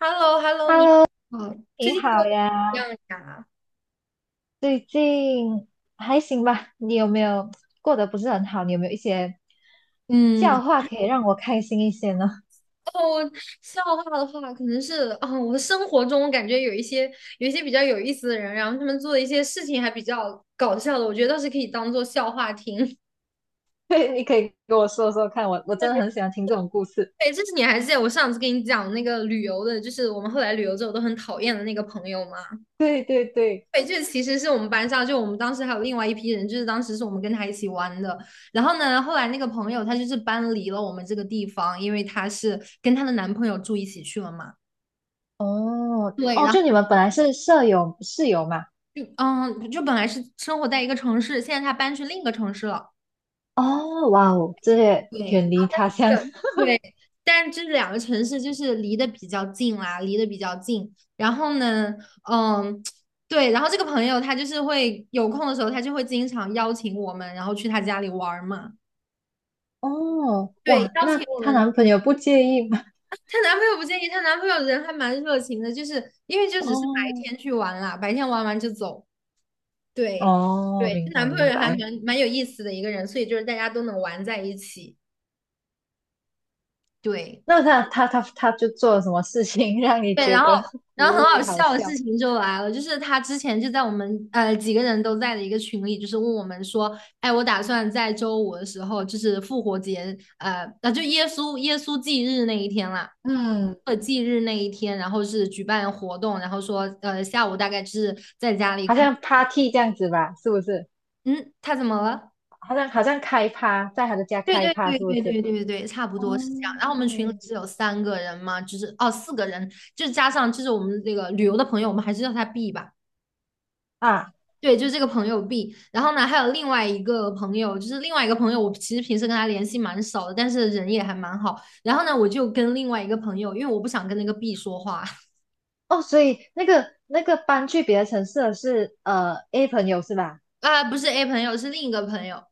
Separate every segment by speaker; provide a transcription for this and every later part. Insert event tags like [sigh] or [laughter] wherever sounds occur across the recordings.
Speaker 1: h e l l o h e l l o 你好，
Speaker 2: 你
Speaker 1: 最近过
Speaker 2: 好
Speaker 1: 得
Speaker 2: 呀，
Speaker 1: 怎么样呀？
Speaker 2: 最近还行吧？你有没有过得不是很好？你有没有一些
Speaker 1: 嗯，
Speaker 2: 笑话可以让我开心一些呢？
Speaker 1: 哦，笑话的话，可能是啊、我的生活中我感觉有一些比较有意思的人，然后他们做的一些事情还比较搞笑的，我觉得倒是可以当做笑话听。[laughs]
Speaker 2: [laughs] 对，你可以跟我说说看，我真的
Speaker 1: 对，
Speaker 2: 很喜欢听这种故事。
Speaker 1: 对，这是你还记得我上次跟你讲那个旅游的，就是我们后来旅游之后都很讨厌的那个朋友吗？
Speaker 2: 对对对，
Speaker 1: 对，这其实是我们班上，就我们当时还有另外一批人，就是当时是我们跟他一起玩的。然后呢，后来那个朋友他就是搬离了我们这个地方，因为她是跟她的男朋友住一起去了嘛。
Speaker 2: 哦
Speaker 1: 对，
Speaker 2: 哦，
Speaker 1: 然后
Speaker 2: 就你们本来是舍友室友嘛？
Speaker 1: 嗯，就本来是生活在一个城市，现在她搬去另一个城市了。
Speaker 2: 哦，哇哦，这些
Speaker 1: 对，
Speaker 2: 远
Speaker 1: 然
Speaker 2: 离
Speaker 1: 后
Speaker 2: 他乡。
Speaker 1: 这对，但这两个城市就是离得比较近啦，离得比较近。然后呢，嗯。对，然后这个朋友他就是会有空的时候，他就会经常邀请我们，然后去他家里玩儿嘛。
Speaker 2: [laughs] 哦，
Speaker 1: 对，
Speaker 2: 哇，
Speaker 1: 邀请
Speaker 2: 那
Speaker 1: 我
Speaker 2: 她
Speaker 1: 们，
Speaker 2: 男朋友不介意吗？
Speaker 1: 她男朋友不介意，她男朋友人还蛮热情的，就是因为就只是白
Speaker 2: 哦
Speaker 1: 天去玩啦，白天玩完就走。对，
Speaker 2: 哦，
Speaker 1: 对，她
Speaker 2: 明
Speaker 1: 男
Speaker 2: 白
Speaker 1: 朋
Speaker 2: 明
Speaker 1: 友还蛮
Speaker 2: 白。
Speaker 1: 蛮有意思的一个人，所以就是大家都能玩在一起。对。
Speaker 2: [laughs] 那他就做了什么事情 [laughs] 让你
Speaker 1: 对，
Speaker 2: 觉
Speaker 1: 然后
Speaker 2: 得无
Speaker 1: 很好
Speaker 2: 语好
Speaker 1: 笑的事
Speaker 2: 笑？
Speaker 1: 情就来了，就是他之前就在我们几个人都在的一个群里，就是问我们说，哎，我打算在周五的时候，就是复活节，那就耶稣忌日那一天啦。
Speaker 2: 嗯，
Speaker 1: 忌日那一天，然后是举办活动，然后说，下午大概是在家里
Speaker 2: 好
Speaker 1: 看，
Speaker 2: 像 party 这样子吧，是不是？
Speaker 1: 嗯，他怎么了？
Speaker 2: 好像开趴，在他的家
Speaker 1: 对
Speaker 2: 开
Speaker 1: 对
Speaker 2: 趴，
Speaker 1: 对
Speaker 2: 是不
Speaker 1: 对
Speaker 2: 是？
Speaker 1: 对对对，差不
Speaker 2: 哦，
Speaker 1: 多是这样。然后我们群里是有三个人嘛，就是哦四个人，就是加上就是我们这个旅游的朋友，我们还是叫他 B 吧。
Speaker 2: 啊，
Speaker 1: 对，就是这个朋友 B，然后呢，还有另外一个朋友，就是另外一个朋友，我其实平时跟他联系蛮少的，但是人也还蛮好。然后呢，我就跟另外一个朋友，因为我不想跟那个 B 说话。 [laughs]
Speaker 2: 哦，所以那个搬去别的城市的是A 朋友是吧？
Speaker 1: 啊，不是 A 朋友，是另一个朋友。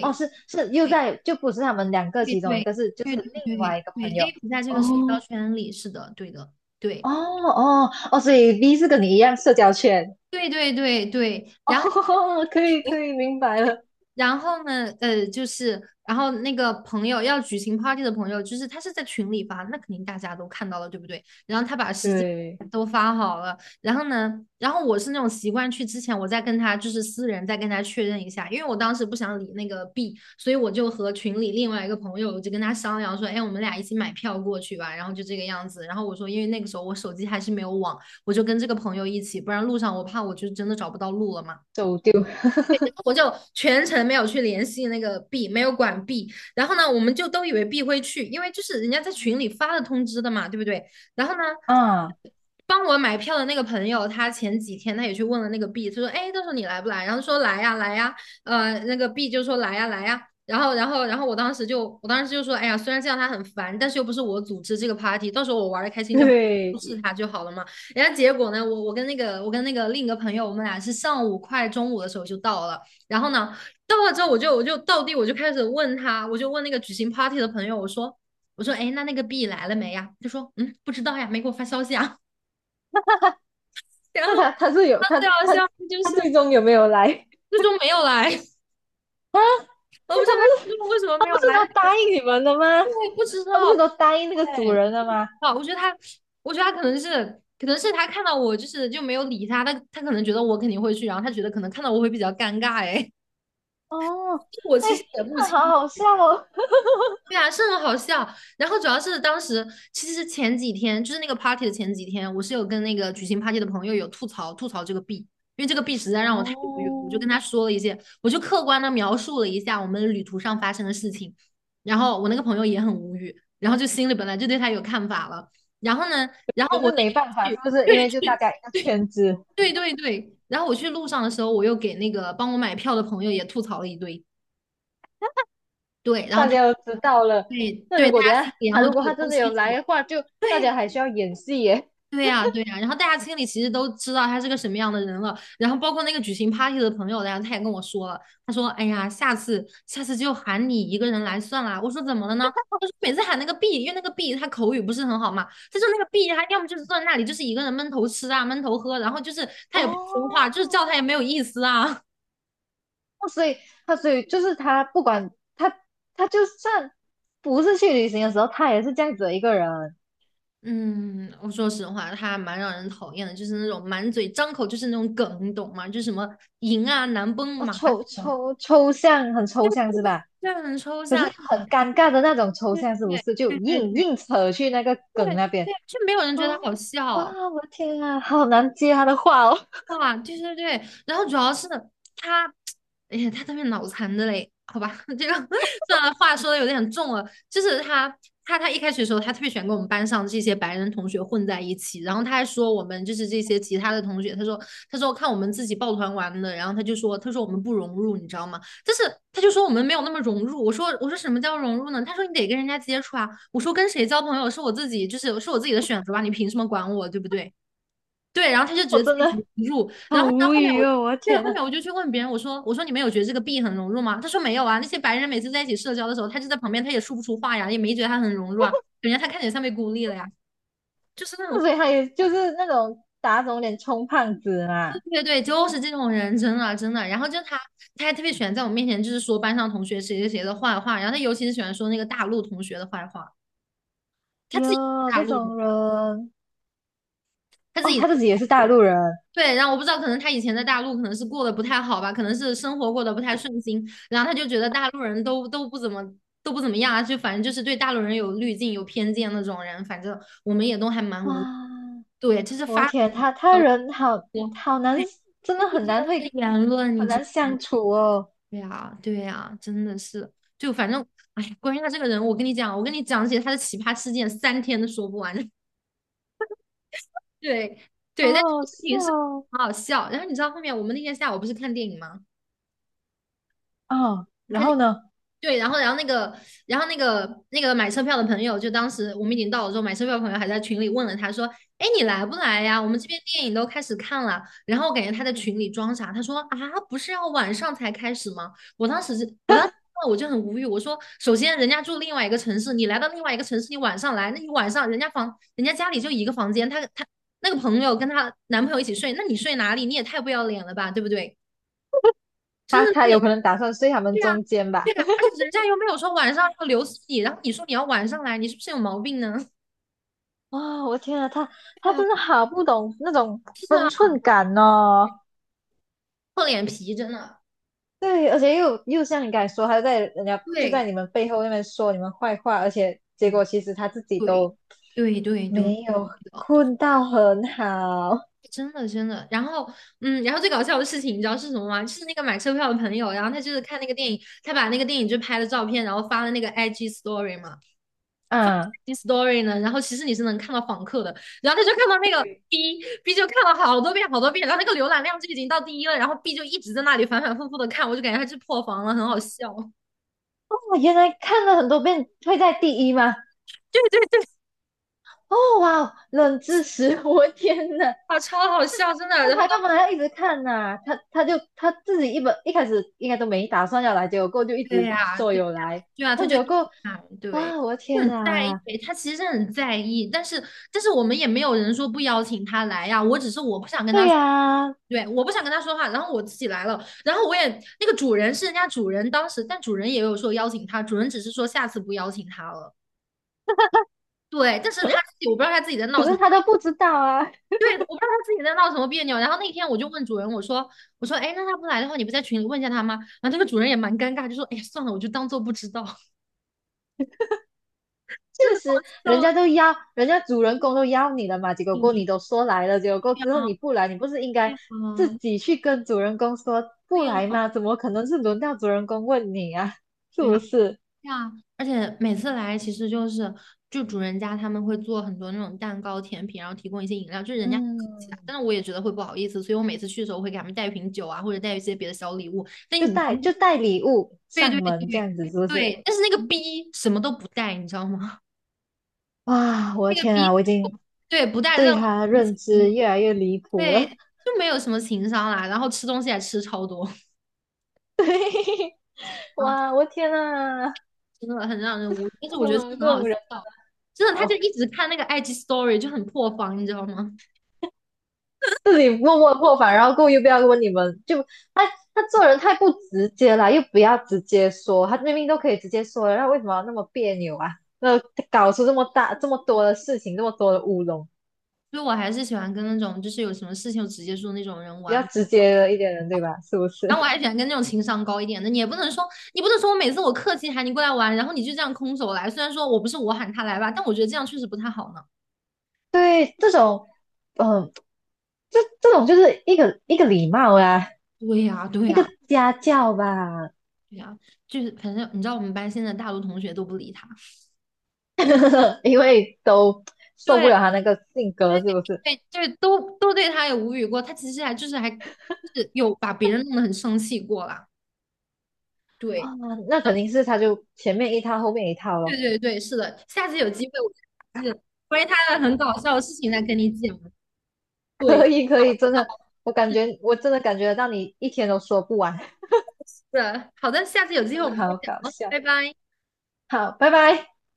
Speaker 2: 哦，是是又在就不是他们两个
Speaker 1: 对
Speaker 2: 其中一
Speaker 1: 对
Speaker 2: 个是就
Speaker 1: 对对
Speaker 2: 是
Speaker 1: 对
Speaker 2: 另外一个朋
Speaker 1: 对对
Speaker 2: 友。
Speaker 1: a 不在这个社交
Speaker 2: 哦
Speaker 1: 圈里，是的，对的，对
Speaker 2: 哦，所以 B 是跟你一样社交圈。
Speaker 1: 对对对对。
Speaker 2: [laughs] 哦，可以明白了，
Speaker 1: 然后呢，就是，然后那个朋友要举行 party 的朋友，就是他是在群里发，那肯定大家都看到了，对不对？然后他把时间
Speaker 2: 对。
Speaker 1: 都发好了，然后呢，然后我是那种习惯去之前，我再跟他就是私人再跟他确认一下，因为我当时不想理那个 B，所以我就和群里另外一个朋友，我就跟他商量说，哎，我们俩一起买票过去吧，然后就这个样子。然后我说，因为那个时候我手机还是没有网，我就跟这个朋友一起，不然路上我怕我就真的找不到路了嘛。
Speaker 2: 走丢。[laughs]
Speaker 1: 我就全程没有去联系那个 B，没有管 B。然后呢，我们就都以为 B 会去，因为就是人家在群里发了通知的嘛，对不对？然后呢，
Speaker 2: 啊。
Speaker 1: 帮我买票的那个朋友，他前几天他也去问了那个 B，他说："哎，到时候你来不来？"然后说："来呀，来呀。"那个 B 就说："来呀，来呀。"然后我当时就说："哎呀，虽然这样他很烦，但是又不是我组织这个 party，到时候我玩的开心就好。"不是
Speaker 2: 对，
Speaker 1: 他就好了嘛。然后结果呢，我跟那个另一个朋友，我们俩是上午快中午的时候就到了，然后呢，到了之后我就开始问他，我就问那个举行 party 的朋友，我说哎，那个 B 来了没呀？他说嗯，不知道呀，没给我发消息啊。[laughs] 然后
Speaker 2: 那他他是有
Speaker 1: 他
Speaker 2: 他
Speaker 1: 最好笑
Speaker 2: 他
Speaker 1: 的就
Speaker 2: 他
Speaker 1: 是
Speaker 2: 最终有没有来？
Speaker 1: 就
Speaker 2: [laughs]
Speaker 1: 说没有来，[laughs] 我不
Speaker 2: 那
Speaker 1: 知
Speaker 2: 他
Speaker 1: 道
Speaker 2: 不
Speaker 1: 他
Speaker 2: 是
Speaker 1: 说为什么
Speaker 2: 他
Speaker 1: 没有
Speaker 2: 不是
Speaker 1: 来，
Speaker 2: 都答应你们了吗？
Speaker 1: 我也不知
Speaker 2: 他不
Speaker 1: 道。
Speaker 2: 是都答应那个主
Speaker 1: 对，
Speaker 2: 人了吗？
Speaker 1: 啊，我觉得他，我觉得他可能是，可能是他看到我就是就没有理他，他他可能觉得我肯定会去，然后他觉得可能看到我会比较尴尬，哎，
Speaker 2: 哦，
Speaker 1: [laughs] 我
Speaker 2: 哎，
Speaker 1: 其实也不
Speaker 2: 那
Speaker 1: 清
Speaker 2: 好好笑哦。
Speaker 1: 对啊，是很好笑。然后主要是当时其实是前几天，就是那个 party 的前几天，我是有跟那个举行 party 的朋友有吐槽吐槽这个 B，因为这个 B 实在让我太无语了。我就跟
Speaker 2: 哦，
Speaker 1: 他说了一些，我就客观的描述了一下我们旅途上发生的事情。然后我那个朋友也很无语，然后就心里本来就对他有看法了。然后呢，然
Speaker 2: 对，可
Speaker 1: 后我
Speaker 2: 是
Speaker 1: 那
Speaker 2: 没
Speaker 1: 天
Speaker 2: 办法，是
Speaker 1: 去，
Speaker 2: 不是？因
Speaker 1: 对
Speaker 2: 为就大
Speaker 1: 去，
Speaker 2: 家一个圈子，
Speaker 1: 对对对。然后我去路上的时候，我又给那个帮我买票的朋友也吐槽了一堆，对，然后
Speaker 2: 大
Speaker 1: 他
Speaker 2: 家都知道了。
Speaker 1: 对
Speaker 2: 那如
Speaker 1: 对大
Speaker 2: 果等一
Speaker 1: 家心
Speaker 2: 下
Speaker 1: 里然
Speaker 2: 他
Speaker 1: 后
Speaker 2: 如
Speaker 1: 就
Speaker 2: 果他
Speaker 1: 有都
Speaker 2: 真的有
Speaker 1: 清楚
Speaker 2: 来
Speaker 1: 了。
Speaker 2: 的话，就大
Speaker 1: 对
Speaker 2: 家还需要演戏耶。
Speaker 1: 对呀，对呀，然后大家心里其实都知道他是个什么样的人了，然后包括那个举行 party 的朋友，然后他也跟我说了，他说："哎呀，下次下次就喊你一个人来算啦。"我说："怎么了呢？"他说："每次喊那个 B，因为那个 B 他口语不是很好嘛，他说那个 B 他要么就是坐在那里就是一个人闷头吃啊，闷头喝，然后就是他也不说话，
Speaker 2: 哦，
Speaker 1: 就是叫他也没有意思啊。[laughs]”
Speaker 2: 那所以他所以就是他不管他他就算不是去旅行的时候，他也是这样子的一个人，
Speaker 1: 嗯，我说实话，他蛮让人讨厌的，就是那种满嘴张口就是那种梗，你懂吗？就是什么赢啊、难崩
Speaker 2: 啊，
Speaker 1: 马这
Speaker 2: 抽
Speaker 1: 种。
Speaker 2: 抽抽象很
Speaker 1: 就
Speaker 2: 抽象是吧？
Speaker 1: 这很抽
Speaker 2: 可是又
Speaker 1: 象，
Speaker 2: 很尴尬的那种抽
Speaker 1: 对
Speaker 2: 象，是不
Speaker 1: 对
Speaker 2: 是？就
Speaker 1: 对对
Speaker 2: 硬
Speaker 1: 对
Speaker 2: 硬扯去那个梗那
Speaker 1: 对，
Speaker 2: 边。
Speaker 1: 就没有人觉得
Speaker 2: 哦，
Speaker 1: 他好
Speaker 2: 哇，
Speaker 1: 笑。
Speaker 2: 我的天啊，好难接他的话哦，
Speaker 1: 啊，对对对，然后主要是他，哎呀，他特别脑残的嘞，好吧，[laughs] 这个算了，话说的有点重了，就是他，他一开始的时候，他特别喜欢跟我们班上这些白人同学混在一起，然后他还说我们就是这些其他的同学，他说看我们自己抱团玩的，然后他就说我们不融入，你知道吗？但是他就说我们没有那么融入，我说什么叫融入呢？他说你得跟人家接触啊，我说跟谁交朋友是我自己，就是是我自己的选择吧，你凭什么管我，对不对？对，然后他就
Speaker 2: [laughs]
Speaker 1: 觉
Speaker 2: 我
Speaker 1: 得自
Speaker 2: 真
Speaker 1: 己很
Speaker 2: 的
Speaker 1: 融入，然
Speaker 2: 好
Speaker 1: 后呢，
Speaker 2: 无
Speaker 1: 后面
Speaker 2: 语
Speaker 1: 我
Speaker 2: 哦，我的
Speaker 1: 对，
Speaker 2: 天
Speaker 1: 后
Speaker 2: 呐。
Speaker 1: 面我就去问别人，我说你们有觉得这个 B 很融入吗？他说没有啊，那些白人每次在一起社交的时候，他就在旁边，他也说不出话呀，也没觉得他很融入啊，感觉他看起来像被孤立了呀，就是那
Speaker 2: 那
Speaker 1: 种
Speaker 2: 所以他也就是那种打肿脸充胖子嘛。
Speaker 1: 对对对，就是这种人，真的真的。然后就他还特别喜欢在我面前就是说班上同学谁谁谁的坏话，然后他尤其是喜欢说那个大陆同学的坏话，他自己是
Speaker 2: 哟，
Speaker 1: 大
Speaker 2: 这
Speaker 1: 陆人
Speaker 2: 种人，
Speaker 1: 他自
Speaker 2: 哦，
Speaker 1: 己。
Speaker 2: 他自己也是大陆人，
Speaker 1: 对，然后我不知道，可能他以前在大陆可能是过得不太好吧，可能是生活过得不太顺心，然后他就觉得大陆人都不怎么都不怎么样啊，就反正就是对大陆人有滤镜、有偏见那种人，反正我们也都还蛮
Speaker 2: 哇。
Speaker 1: 无，对，就是
Speaker 2: 我
Speaker 1: 发
Speaker 2: 天，他
Speaker 1: 表
Speaker 2: 人好
Speaker 1: 过
Speaker 2: 好难，
Speaker 1: 对
Speaker 2: 真的很
Speaker 1: 逆
Speaker 2: 难
Speaker 1: 风的
Speaker 2: 会
Speaker 1: 言论，
Speaker 2: 很
Speaker 1: 你知
Speaker 2: 难
Speaker 1: 道
Speaker 2: 相处哦，
Speaker 1: 呀，对呀，真的是，就反正，哎呀，关于他这个人，我跟你讲，我跟你讲起他的奇葩事件，三天都说不完。[laughs] 对，
Speaker 2: 好
Speaker 1: 对，但
Speaker 2: 好
Speaker 1: 这个事
Speaker 2: 笑
Speaker 1: 情是
Speaker 2: 哦。
Speaker 1: 很好笑。然后你知道后面我们那天下午不是看电影吗？
Speaker 2: 哦，然
Speaker 1: 看
Speaker 2: 后呢，
Speaker 1: 对，然后，然后那个，然后那个买车票的朋友，就当时我们已经到了之后，买车票的朋友还在群里问了他说：“哎，你来不来呀？我们这边电影都开始看了。”然后我感觉他在群里装傻，他说：“啊，不是要晚上才开始吗？”我当时我就很无语，我说：“首先人家住另外一个城市，你来到另外一个城市，你晚上来，那你晚上人家房，人家家里就一个房间，他那个朋友跟她男朋友一起睡，那你睡哪里？你也太不要脸了吧，对不对？真
Speaker 2: 他
Speaker 1: 的
Speaker 2: 他有
Speaker 1: 是。”
Speaker 2: 可能打算睡他们
Speaker 1: 对呀，
Speaker 2: 中间
Speaker 1: 对
Speaker 2: 吧？
Speaker 1: 呀，而
Speaker 2: [laughs]
Speaker 1: 且人家又没有说晚上要留宿你，然后你说你要晚上来，你是不是有毛病呢？[laughs]
Speaker 2: 啊、我天啊，他
Speaker 1: 对
Speaker 2: 他
Speaker 1: 吧？
Speaker 2: 真的好不懂那种
Speaker 1: 是
Speaker 2: 分
Speaker 1: 啊，
Speaker 2: 寸感哦。
Speaker 1: 厚脸皮真的。
Speaker 2: 对，而且又像你刚才说，他在人家就
Speaker 1: 对，
Speaker 2: 在你们背后那边说你们坏话，而且结
Speaker 1: 嗯，
Speaker 2: 果其实他自己
Speaker 1: 对，
Speaker 2: 都
Speaker 1: 对对对，
Speaker 2: 没有
Speaker 1: 的，
Speaker 2: 困到很好
Speaker 1: 真的真的。然后，然后最搞笑的事情你知道是什么吗？就是那个买车票的朋友，然后他就是看那个电影，他把那个电影就拍了照片，然后发了那个 IG story 嘛。
Speaker 2: 啊。
Speaker 1: story 呢，然后其实你是能看到访客的，然后他就看到那个 B 就看了好多遍，然后那个浏览量就已经到第一了，然后 B 就一直在那里反反复复的看，我就感觉他是破防了，很好笑。
Speaker 2: 哦，原来看了很多遍会在第一吗？
Speaker 1: 对对对，
Speaker 2: 哦哇，冷知识，[laughs] 我天呐！
Speaker 1: 啊，超好笑，真的。
Speaker 2: 那
Speaker 1: 然后
Speaker 2: 他
Speaker 1: 当
Speaker 2: 干嘛要一直看呐、他他就他自己一本一开始应该都没打算要来，结果过后就一
Speaker 1: 对
Speaker 2: 直
Speaker 1: 呀，
Speaker 2: 说
Speaker 1: 对呀，
Speaker 2: 有来，
Speaker 1: 对呀，他
Speaker 2: 那
Speaker 1: 就
Speaker 2: 结果过后
Speaker 1: 哎，对，
Speaker 2: 哇，我的天
Speaker 1: 很在意，
Speaker 2: 啊，
Speaker 1: 他其实很在意，但是但是我们也没有人说不邀请他来呀，我只是我不想跟
Speaker 2: 对
Speaker 1: 他说
Speaker 2: 呀、
Speaker 1: 对，我不想跟他说话，然后我自己来了，然后我也那个主人是人家主人当时，但主人也有说邀请他，主人只是说下次不邀请他了，对，但是他自己我不知道他自己在
Speaker 2: 可
Speaker 1: 闹什
Speaker 2: 是
Speaker 1: 么。
Speaker 2: 他都不知道啊，
Speaker 1: 对，我不知道他自己在闹什么别扭。然后那天我就问主人，我说，哎，那他不来的话，你不在群里问一下他吗？然后那个主人也蛮尴尬，就说，哎呀，算了，我就当做不知道。真的搞
Speaker 2: [laughs]
Speaker 1: 笑
Speaker 2: 人
Speaker 1: 的
Speaker 2: 家都邀，人家主人公都邀你了嘛，结果
Speaker 1: 主
Speaker 2: 过后你
Speaker 1: 题，
Speaker 2: 都说来了，结果过
Speaker 1: 对
Speaker 2: 后之后你
Speaker 1: 呀，
Speaker 2: 不来，你不是应
Speaker 1: 对
Speaker 2: 该自
Speaker 1: 呀，
Speaker 2: 己去跟主人公说
Speaker 1: 对
Speaker 2: 不
Speaker 1: 呀，
Speaker 2: 来吗？怎么可能是轮到主人公问你啊？[laughs] 是
Speaker 1: 对呀，
Speaker 2: 不是？
Speaker 1: 对呀，而且每次来其实就是就主人家他们会做很多那种蛋糕、甜品，然后提供一些饮料，就是人家很客气啊。
Speaker 2: 嗯，
Speaker 1: 但是我也觉得会不好意思，所以我每次去的时候会给他们带一瓶酒啊，或者带一些别的小礼物。但
Speaker 2: 就
Speaker 1: 你知道
Speaker 2: 带
Speaker 1: 那个
Speaker 2: 就带礼物
Speaker 1: 对
Speaker 2: 上
Speaker 1: 对对
Speaker 2: 门这样子，是不是？
Speaker 1: 对，但是那个 B 什么都不带，你知道吗？
Speaker 2: 哇，
Speaker 1: [laughs]
Speaker 2: 我的
Speaker 1: 那个
Speaker 2: 天
Speaker 1: B
Speaker 2: 啊，我已经
Speaker 1: 对不带
Speaker 2: 对
Speaker 1: 任何
Speaker 2: 他
Speaker 1: 东西，
Speaker 2: 认知越来越离谱
Speaker 1: 对，
Speaker 2: 了。
Speaker 1: 就没有什么情商啦，然后吃东西还吃超多。
Speaker 2: [laughs] 对，
Speaker 1: [laughs]
Speaker 2: 哇，我的天啊，
Speaker 1: 真的很让人无语。但是
Speaker 2: 这
Speaker 1: 我觉得真
Speaker 2: 种
Speaker 1: 的很
Speaker 2: 这
Speaker 1: 好
Speaker 2: 种人真
Speaker 1: 笑，真的，他就
Speaker 2: 好
Speaker 1: 一直看那个 IG Story 就很破防，你知道吗？
Speaker 2: 自己默默破防，然后故意不要问你们，就他他做人太不直接了，又不要直接说，他明明都可以直接说了，那为什么要那么别扭啊？那搞出这么大这么多的事情，这么多的乌龙，
Speaker 1: 所以我还是喜欢跟那种就是有什么事情就直接说那种人
Speaker 2: 比较
Speaker 1: 玩。
Speaker 2: 直接的一点人，对吧？是不
Speaker 1: 然后我
Speaker 2: 是？
Speaker 1: 还喜欢跟那种情商高一点的，你也不能说，你不能说我每次我客气喊你过来玩，然后你就这样空手来。虽然说我不是我喊他来吧，但我觉得这样确实不太好呢。
Speaker 2: [laughs] 对，这种嗯、呃这这种就是一个礼貌啊，
Speaker 1: 对呀，对
Speaker 2: 一个
Speaker 1: 呀，
Speaker 2: 家教吧，
Speaker 1: 对呀，就是反正你知道我们班现在大多同学都不理他，
Speaker 2: [laughs] 因为都受不
Speaker 1: 对，
Speaker 2: 了他那个性
Speaker 1: 对，
Speaker 2: 格，是不是？
Speaker 1: 对，对，都对他有无语过。他其实还就是还就是有把别人弄得很生气过啦。对。
Speaker 2: 啊，那肯定是他就前面一套，后面一套
Speaker 1: 对
Speaker 2: 咯。
Speaker 1: 对对，是的，下次有机会我就是关于他的很搞笑的事情再跟你讲。
Speaker 2: [laughs]
Speaker 1: 对，
Speaker 2: 可以，可以，真
Speaker 1: 哦，
Speaker 2: 的，我感觉我真的感觉得到你一天都说不完，
Speaker 1: 是的好的，下次有
Speaker 2: [laughs]
Speaker 1: 机
Speaker 2: 真
Speaker 1: 会我
Speaker 2: 的
Speaker 1: 们再
Speaker 2: 好搞
Speaker 1: 讲哦，
Speaker 2: 笑。
Speaker 1: 拜拜。
Speaker 2: 好，拜拜。